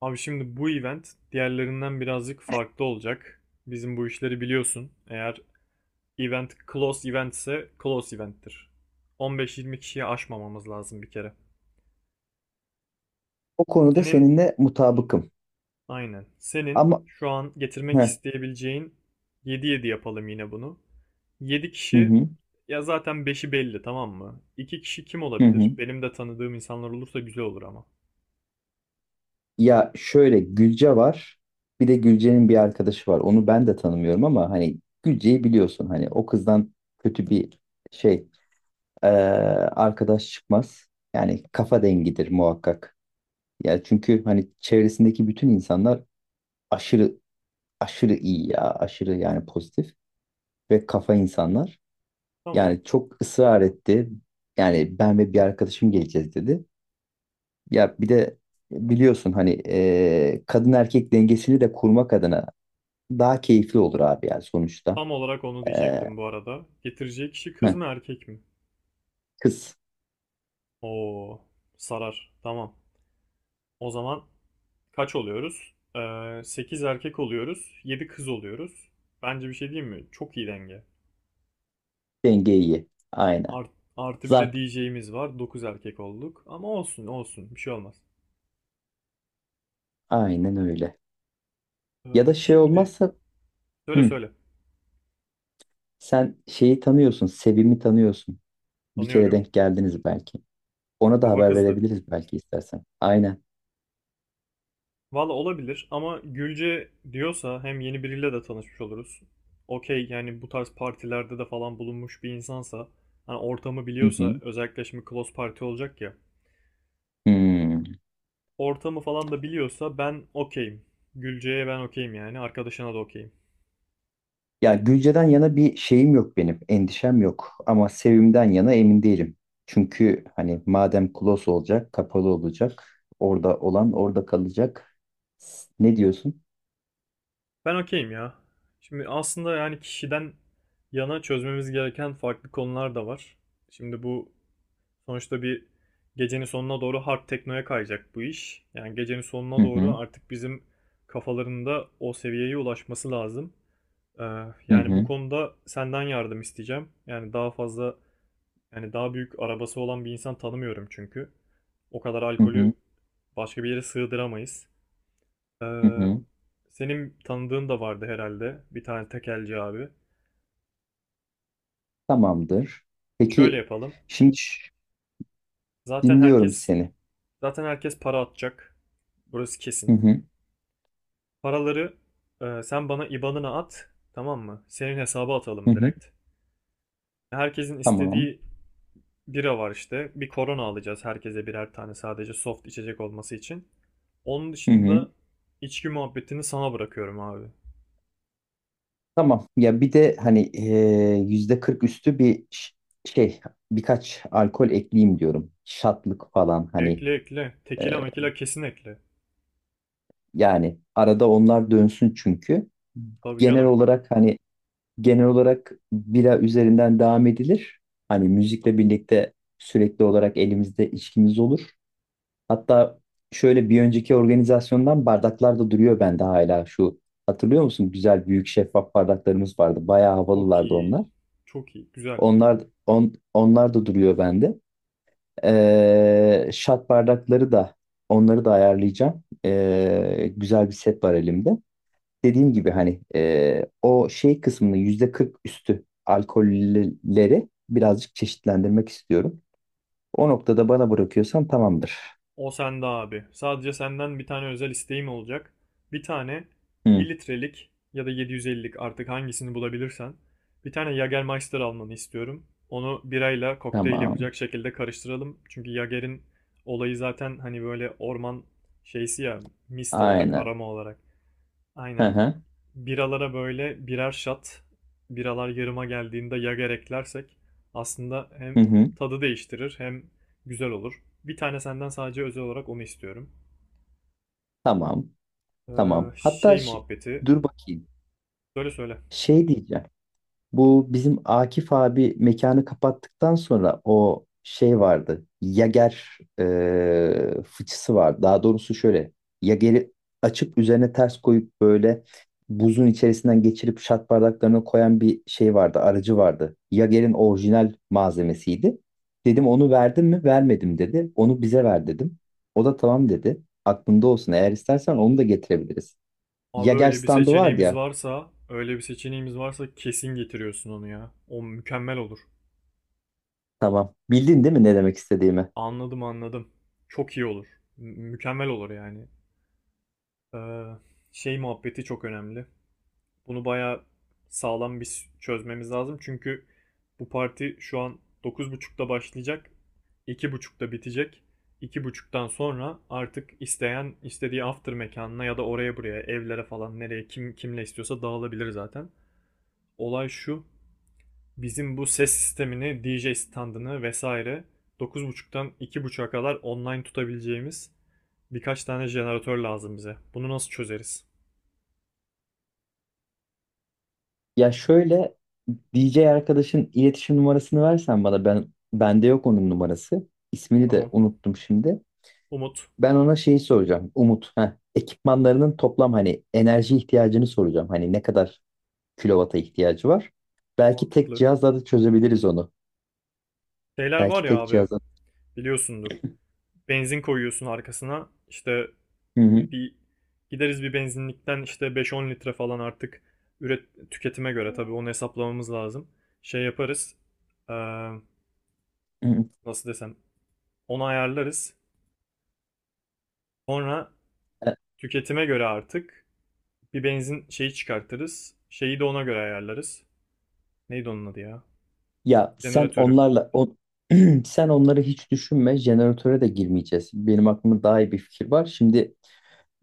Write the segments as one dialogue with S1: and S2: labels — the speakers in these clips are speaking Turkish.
S1: Abi şimdi bu event diğerlerinden birazcık farklı olacak. Bizim bu işleri biliyorsun. Eğer event close event ise close event'tir. 15-20 kişiyi aşmamamız lazım bir kere.
S2: O konuda
S1: Senin
S2: seninle mutabıkım.
S1: aynen. Senin
S2: Ama
S1: şu an getirmek
S2: Heh,
S1: isteyebileceğin 7-7 yapalım yine bunu. 7
S2: hı
S1: kişi
S2: hı,
S1: ya zaten beşi belli, tamam mı? 2 kişi kim
S2: hı hı.
S1: olabilir? Benim de tanıdığım insanlar olursa güzel olur ama.
S2: Ya şöyle Gülce var. Bir de Gülce'nin bir arkadaşı var. Onu ben de tanımıyorum ama hani Gülce'yi biliyorsun. Hani o kızdan kötü bir şey eee, arkadaş çıkmaz. Yani kafa dengidir muhakkak. Ya çünkü hani çevresindeki bütün insanlar aşırı aşırı iyi ya. Aşırı yani pozitif ve kafa insanlar.
S1: Tamam.
S2: Yani çok ısrar etti. Yani ben ve bir arkadaşım geleceğiz dedi. Ya bir de biliyorsun hani kadın erkek dengesini de kurmak adına daha keyifli olur abi yani sonuçta.
S1: Tam olarak onu
S2: E,
S1: diyecektim bu arada. Getireceği kişi kız
S2: heh,
S1: mı erkek mi?
S2: Kız.
S1: Oo, sarar. Tamam. O zaman kaç oluyoruz? 8 erkek oluyoruz. 7 kız oluyoruz. Bence bir şey diyeyim mi? Çok iyi denge.
S2: Denge iyi. Aynen.
S1: Art- artı bir de
S2: Zaten
S1: DJ'miz var. 9 erkek olduk. Ama olsun olsun. Bir şey olmaz.
S2: aynen öyle. Ya
S1: Ee,
S2: da şey
S1: şimdi.
S2: olmazsa
S1: Söyle
S2: hı,
S1: söyle.
S2: sen şeyi tanıyorsun, Sevim'i tanıyorsun. Bir kere
S1: Tanıyorum.
S2: denk geldiniz belki. Ona da
S1: Kafa
S2: haber
S1: kızdı.
S2: verebiliriz belki istersen. Aynen.
S1: Valla olabilir ama Gülce diyorsa hem yeni biriyle de tanışmış oluruz. Okey yani, bu tarz partilerde de falan bulunmuş bir insansa hani ortamı
S2: Hı
S1: biliyorsa,
S2: hı.
S1: özellikle şimdi close party olacak ya.
S2: Hı.
S1: Ortamı falan da biliyorsa ben okeyim. Gülce'ye ben okeyim yani. Arkadaşına da okeyim.
S2: Ya Gülce'den yana bir şeyim yok benim, endişem yok. Ama Sevim'den yana emin değilim. Çünkü hani madem close olacak, kapalı olacak, orada olan orada kalacak. Ne diyorsun?
S1: Ben okeyim ya. Şimdi aslında yani kişiden yana çözmemiz gereken farklı konular da var. Şimdi bu sonuçta bir gecenin sonuna doğru hard teknoya kayacak bu iş. Yani gecenin
S2: Hı
S1: sonuna
S2: hı,
S1: doğru artık bizim kafalarında o seviyeye ulaşması lazım. Ee,
S2: hı
S1: Yani bu
S2: hı,
S1: konuda senden yardım isteyeceğim. Yani daha fazla Yani daha büyük arabası olan bir insan tanımıyorum çünkü. O kadar
S2: hı hı,
S1: alkolü başka bir yere sığdıramayız. Ee,
S2: hı hı.
S1: Senin tanıdığın da vardı herhalde. Bir tane tekelci abi.
S2: Tamamdır.
S1: Şöyle
S2: Peki
S1: yapalım.
S2: şimdi,
S1: Zaten
S2: dinliyorum
S1: herkes
S2: seni.
S1: zaten herkes para atacak. Burası
S2: Hı
S1: kesin.
S2: hı,
S1: Paraları sen bana IBAN'ına at. Tamam mı? Senin hesaba
S2: hı
S1: atalım
S2: hı.
S1: direkt. Herkesin
S2: Tamam.
S1: istediği bira var işte. Bir korona alacağız herkese birer tane, sadece soft içecek olması için. Onun
S2: Hı hı.
S1: dışında içki muhabbetini sana bırakıyorum abi.
S2: Tamam. Ya bir de hani %40 üstü bir şey, birkaç alkol ekleyeyim diyorum. Şatlık falan hani.
S1: Ekle ekle. Tekila mekila kesin ekle.
S2: Yani arada onlar dönsün çünkü.
S1: Tabii
S2: Genel
S1: canım.
S2: olarak hani genel olarak bira üzerinden devam edilir. Hani müzikle birlikte sürekli olarak elimizde içkimiz olur. Hatta şöyle bir önceki organizasyondan bardaklar da duruyor bende hala şu. Hatırlıyor musun? Güzel büyük şeffaf bardaklarımız vardı. Bayağı
S1: Çok
S2: havalılardı
S1: iyi.
S2: onlar.
S1: Çok iyi. Güzel.
S2: Onlar da duruyor bende. Şat bardakları da onları da ayarlayacağım. Güzel bir set var elimde, dediğim gibi hani o şey kısmını yüzde 40 üstü alkolleri birazcık çeşitlendirmek istiyorum. O noktada bana bırakıyorsan tamamdır.
S1: O sende abi. Sadece senden bir tane özel isteğim olacak. Bir tane
S2: Hı,
S1: bir litrelik ya da 750'lik, artık hangisini bulabilirsen. Bir tane Jägermeister almanı istiyorum. Onu birayla kokteyl
S2: tamam.
S1: yapacak şekilde karıştıralım. Çünkü Jäger'in olayı zaten hani böyle orman şeysi ya, mist olarak,
S2: Aynen.
S1: aroma olarak.
S2: Hı
S1: Aynen.
S2: hı.
S1: Biralara böyle birer şat, biralar yarıma geldiğinde yager eklersek aslında hem
S2: Hı hı.
S1: tadı değiştirir hem güzel olur. Bir tane senden sadece özel olarak onu istiyorum.
S2: Tamam.
S1: Ee,
S2: Tamam. Hatta
S1: şey muhabbeti.
S2: dur bakayım.
S1: Söyle söyle.
S2: Şey diyeceğim. Bu bizim Akif abi mekanı kapattıktan sonra o şey vardı. Yager fıçısı var. Daha doğrusu şöyle. Yager'i açıp üzerine ters koyup böyle buzun içerisinden geçirip şat bardaklarına koyan bir şey vardı. Aracı vardı. Yager'in orijinal malzemesiydi. Dedim onu verdin mi? Vermedim dedi. Onu bize ver dedim. O da tamam dedi. Aklında olsun. Eğer istersen onu da getirebiliriz.
S1: Abi
S2: Yager
S1: öyle bir
S2: standı vardı
S1: seçeneğimiz
S2: ya.
S1: varsa, öyle bir seçeneğimiz varsa kesin getiriyorsun onu ya. O mükemmel olur.
S2: Tamam. Bildin değil mi ne demek istediğimi?
S1: Anladım anladım. Çok iyi olur. Mükemmel olur yani. Ee, şey muhabbeti çok önemli. Bunu bayağı sağlam bir çözmemiz lazım. Çünkü bu parti şu an 9.30'da başlayacak. 2.30'da bitecek. 2.30'dan sonra artık isteyen istediği after mekanına ya da oraya buraya, evlere falan, nereye kim kimle istiyorsa dağılabilir zaten. Olay şu. Bizim bu ses sistemini, DJ standını vesaire, 9.30'dan 2.30'a kadar online tutabileceğimiz birkaç tane jeneratör lazım bize. Bunu nasıl çözeriz?
S2: Ya şöyle, DJ arkadaşın iletişim numarasını versen bana, bende yok onun numarası. İsmini de
S1: Tamam.
S2: unuttum şimdi.
S1: Umut.
S2: Ben ona şeyi soracağım. Umut. Ekipmanlarının toplam hani enerji ihtiyacını soracağım. Hani ne kadar kilovata ihtiyacı var? Belki tek
S1: Mantıklı.
S2: cihazla da çözebiliriz onu.
S1: Şeyler
S2: Belki
S1: var ya
S2: tek
S1: abi.
S2: cihazla.
S1: Biliyorsundur. Benzin koyuyorsun arkasına. İşte
S2: Hı hı,
S1: bir gideriz bir benzinlikten, işte 5-10 litre falan, artık üret tüketime göre tabii, onu hesaplamamız lazım. Şey yaparız. Ee,
S2: hı hı.
S1: nasıl desem, onu ayarlarız. Sonra
S2: E,
S1: tüketime göre artık bir benzin şeyi çıkartırız. Şeyi de ona göre ayarlarız. Neydi onun adı ya?
S2: Ya sen
S1: Jeneratörü.
S2: onlarla on, sen onları hiç düşünme. Jeneratöre de girmeyeceğiz. Benim aklımda daha iyi bir fikir var. Şimdi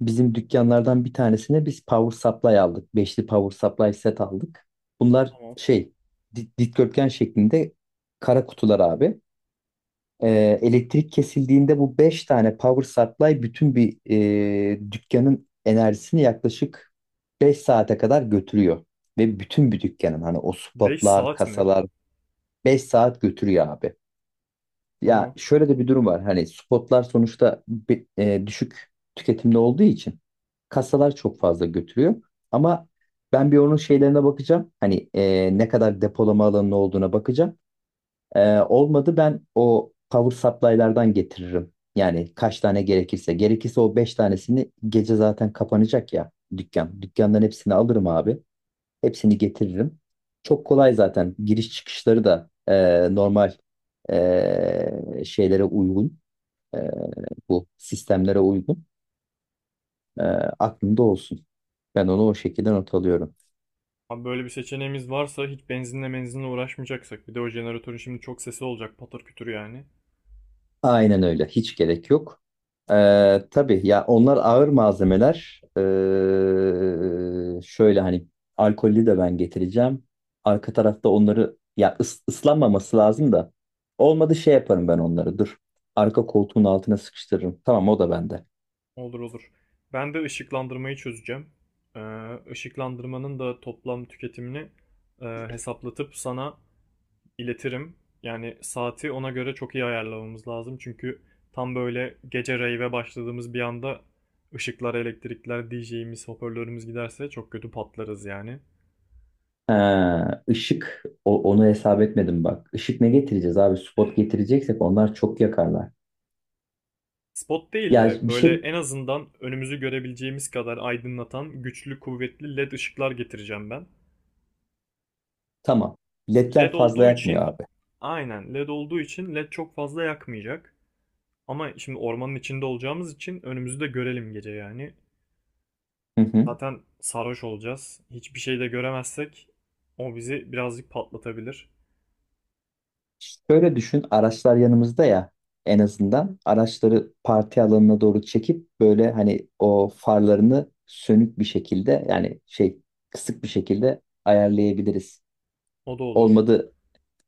S2: bizim dükkanlardan bir tanesine biz power supply aldık. Beşli power supply set aldık. Bunlar
S1: Tamam.
S2: şey dikdörtgen şeklinde kara kutular abi. Elektrik kesildiğinde bu 5 tane power supply bütün bir dükkanın enerjisini yaklaşık 5 saate kadar götürüyor. Ve bütün bir dükkanın hani o
S1: 5
S2: spotlar,
S1: saat mi?
S2: kasalar 5 saat götürüyor abi. Ya
S1: Tamam.
S2: şöyle de bir durum var. Hani spotlar sonuçta düşük tüketimde olduğu için kasalar çok fazla götürüyor. Ama ben bir onun şeylerine bakacağım. Hani ne kadar depolama alanının olduğuna bakacağım. Olmadı ben o power supply'lardan getiririm. Yani kaç tane gerekirse. Gerekirse o 5 tanesini, gece zaten kapanacak ya dükkan. Dükkandan hepsini alırım abi. Hepsini getiririm. Çok kolay zaten. Giriş çıkışları da normal şeylere uygun. e, Bu sistemlere uygun. E, Aklında olsun. Ben onu o şekilde not alıyorum.
S1: Abi böyle bir seçeneğimiz varsa hiç benzinle uğraşmayacaksak. Bir de o jeneratörün şimdi çok sesi olacak, patır kütür yani.
S2: Aynen öyle. Hiç gerek yok. Tabii ya, onlar ağır malzemeler. Şöyle hani alkollü de ben getireceğim. Arka tarafta onları ya ıslanmaması lazım da. Olmadı şey yaparım ben onları. Dur. Arka koltuğun altına sıkıştırırım. Tamam, o da bende.
S1: Olur olur. Ben de ışıklandırmayı çözeceğim. Ee, ışıklandırmanın da toplam tüketimini hesaplatıp sana iletirim. Yani saati ona göre çok iyi ayarlamamız lazım. Çünkü tam böyle gece rave'e başladığımız bir anda ışıklar, elektrikler, DJ'imiz, hoparlörümüz giderse çok kötü patlarız yani.
S2: Ha, ışık, onu hesap etmedim bak. Işık ne getireceğiz abi? Spot getireceksek onlar çok yakarlar.
S1: Spot değil de
S2: Ya bir
S1: böyle
S2: şey,
S1: en azından önümüzü görebileceğimiz kadar aydınlatan, güçlü kuvvetli led ışıklar getireceğim ben.
S2: tamam.
S1: Led
S2: LED'ler fazla
S1: olduğu
S2: yakmıyor
S1: için
S2: abi.
S1: aynen led olduğu için led çok fazla yakmayacak. Ama şimdi ormanın içinde olacağımız için önümüzü de görelim gece yani.
S2: Hı hı.
S1: Zaten sarhoş olacağız. Hiçbir şey de göremezsek o bizi birazcık patlatabilir.
S2: Şöyle düşün, araçlar yanımızda ya, en azından araçları parti alanına doğru çekip böyle hani o farlarını sönük bir şekilde, yani şey, kısık bir şekilde ayarlayabiliriz.
S1: O da olur.
S2: Olmadı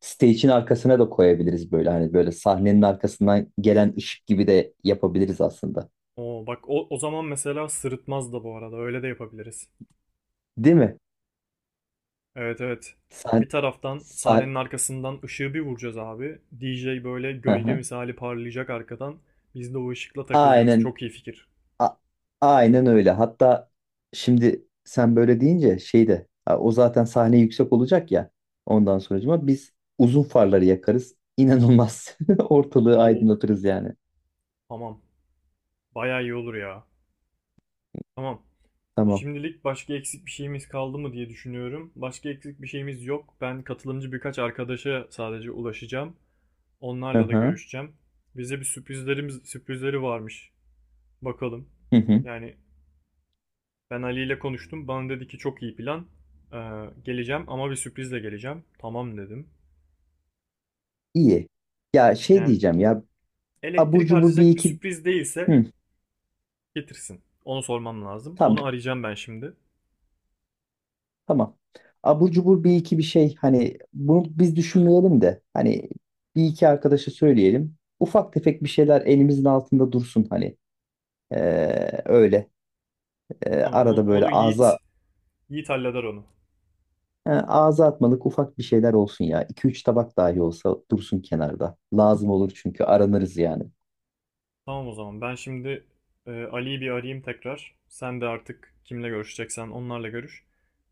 S2: stage'in arkasına da koyabiliriz, böyle hani böyle sahnenin arkasından gelen ışık gibi de yapabiliriz aslında.
S1: O bak, o zaman mesela sırıtmaz da bu arada, öyle de yapabiliriz.
S2: Değil mi?
S1: Evet evet.
S2: Sah
S1: Bir taraftan
S2: sah
S1: sahnenin arkasından ışığı bir vuracağız abi. DJ böyle
S2: Hı
S1: gölge
S2: hı.
S1: misali parlayacak arkadan. Biz de o ışıkla takılacağız.
S2: Aynen
S1: Çok iyi fikir.
S2: A- aynen öyle. Hatta şimdi sen böyle deyince şey de ha, o zaten sahne yüksek olacak ya. Ondan sonracıma biz uzun farları yakarız. İnanılmaz. Ortalığı
S1: Oo.
S2: aydınlatırız yani.
S1: Tamam. Bayağı iyi olur ya. Tamam.
S2: Tamam.
S1: Şimdilik başka eksik bir şeyimiz kaldı mı diye düşünüyorum. Başka eksik bir şeyimiz yok. Ben katılımcı birkaç arkadaşa sadece ulaşacağım.
S2: Hı
S1: Onlarla da
S2: hı.
S1: görüşeceğim. Bize bir sürprizleri varmış. Bakalım.
S2: Hı hı.
S1: Yani ben Ali ile konuştum. Bana dedi ki çok iyi plan. Geleceğim ama bir sürprizle geleceğim. Tamam dedim.
S2: İyi. Ya şey
S1: Yani
S2: diyeceğim ya, abur
S1: elektrik
S2: cubur bir
S1: harcayacak bir
S2: iki,
S1: sürpriz değilse
S2: hı,
S1: getirsin. Onu sormam lazım.
S2: tamam,
S1: Onu arayacağım ben şimdi.
S2: tamam. Abur cubur bir iki bir şey hani, bunu biz düşünmeyelim de hani bir iki arkadaşa söyleyelim. Ufak tefek bir şeyler elimizin altında dursun hani. Öyle.
S1: Tamam, o-
S2: Arada böyle
S1: onu Yiğit, Yiğit halleder onu.
S2: ağza atmalık ufak bir şeyler olsun ya. İki üç tabak dahi olsa dursun kenarda. Lazım olur çünkü aranırız yani.
S1: Tamam o zaman ben şimdi Ali'yi bir arayayım tekrar. Sen de artık kimle görüşeceksen onlarla görüş.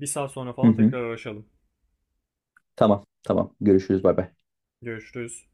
S1: Bir saat sonra
S2: Hı
S1: falan
S2: hı.
S1: tekrar araşalım.
S2: Tamam, tamam. Görüşürüz. Bay bay.
S1: Görüşürüz.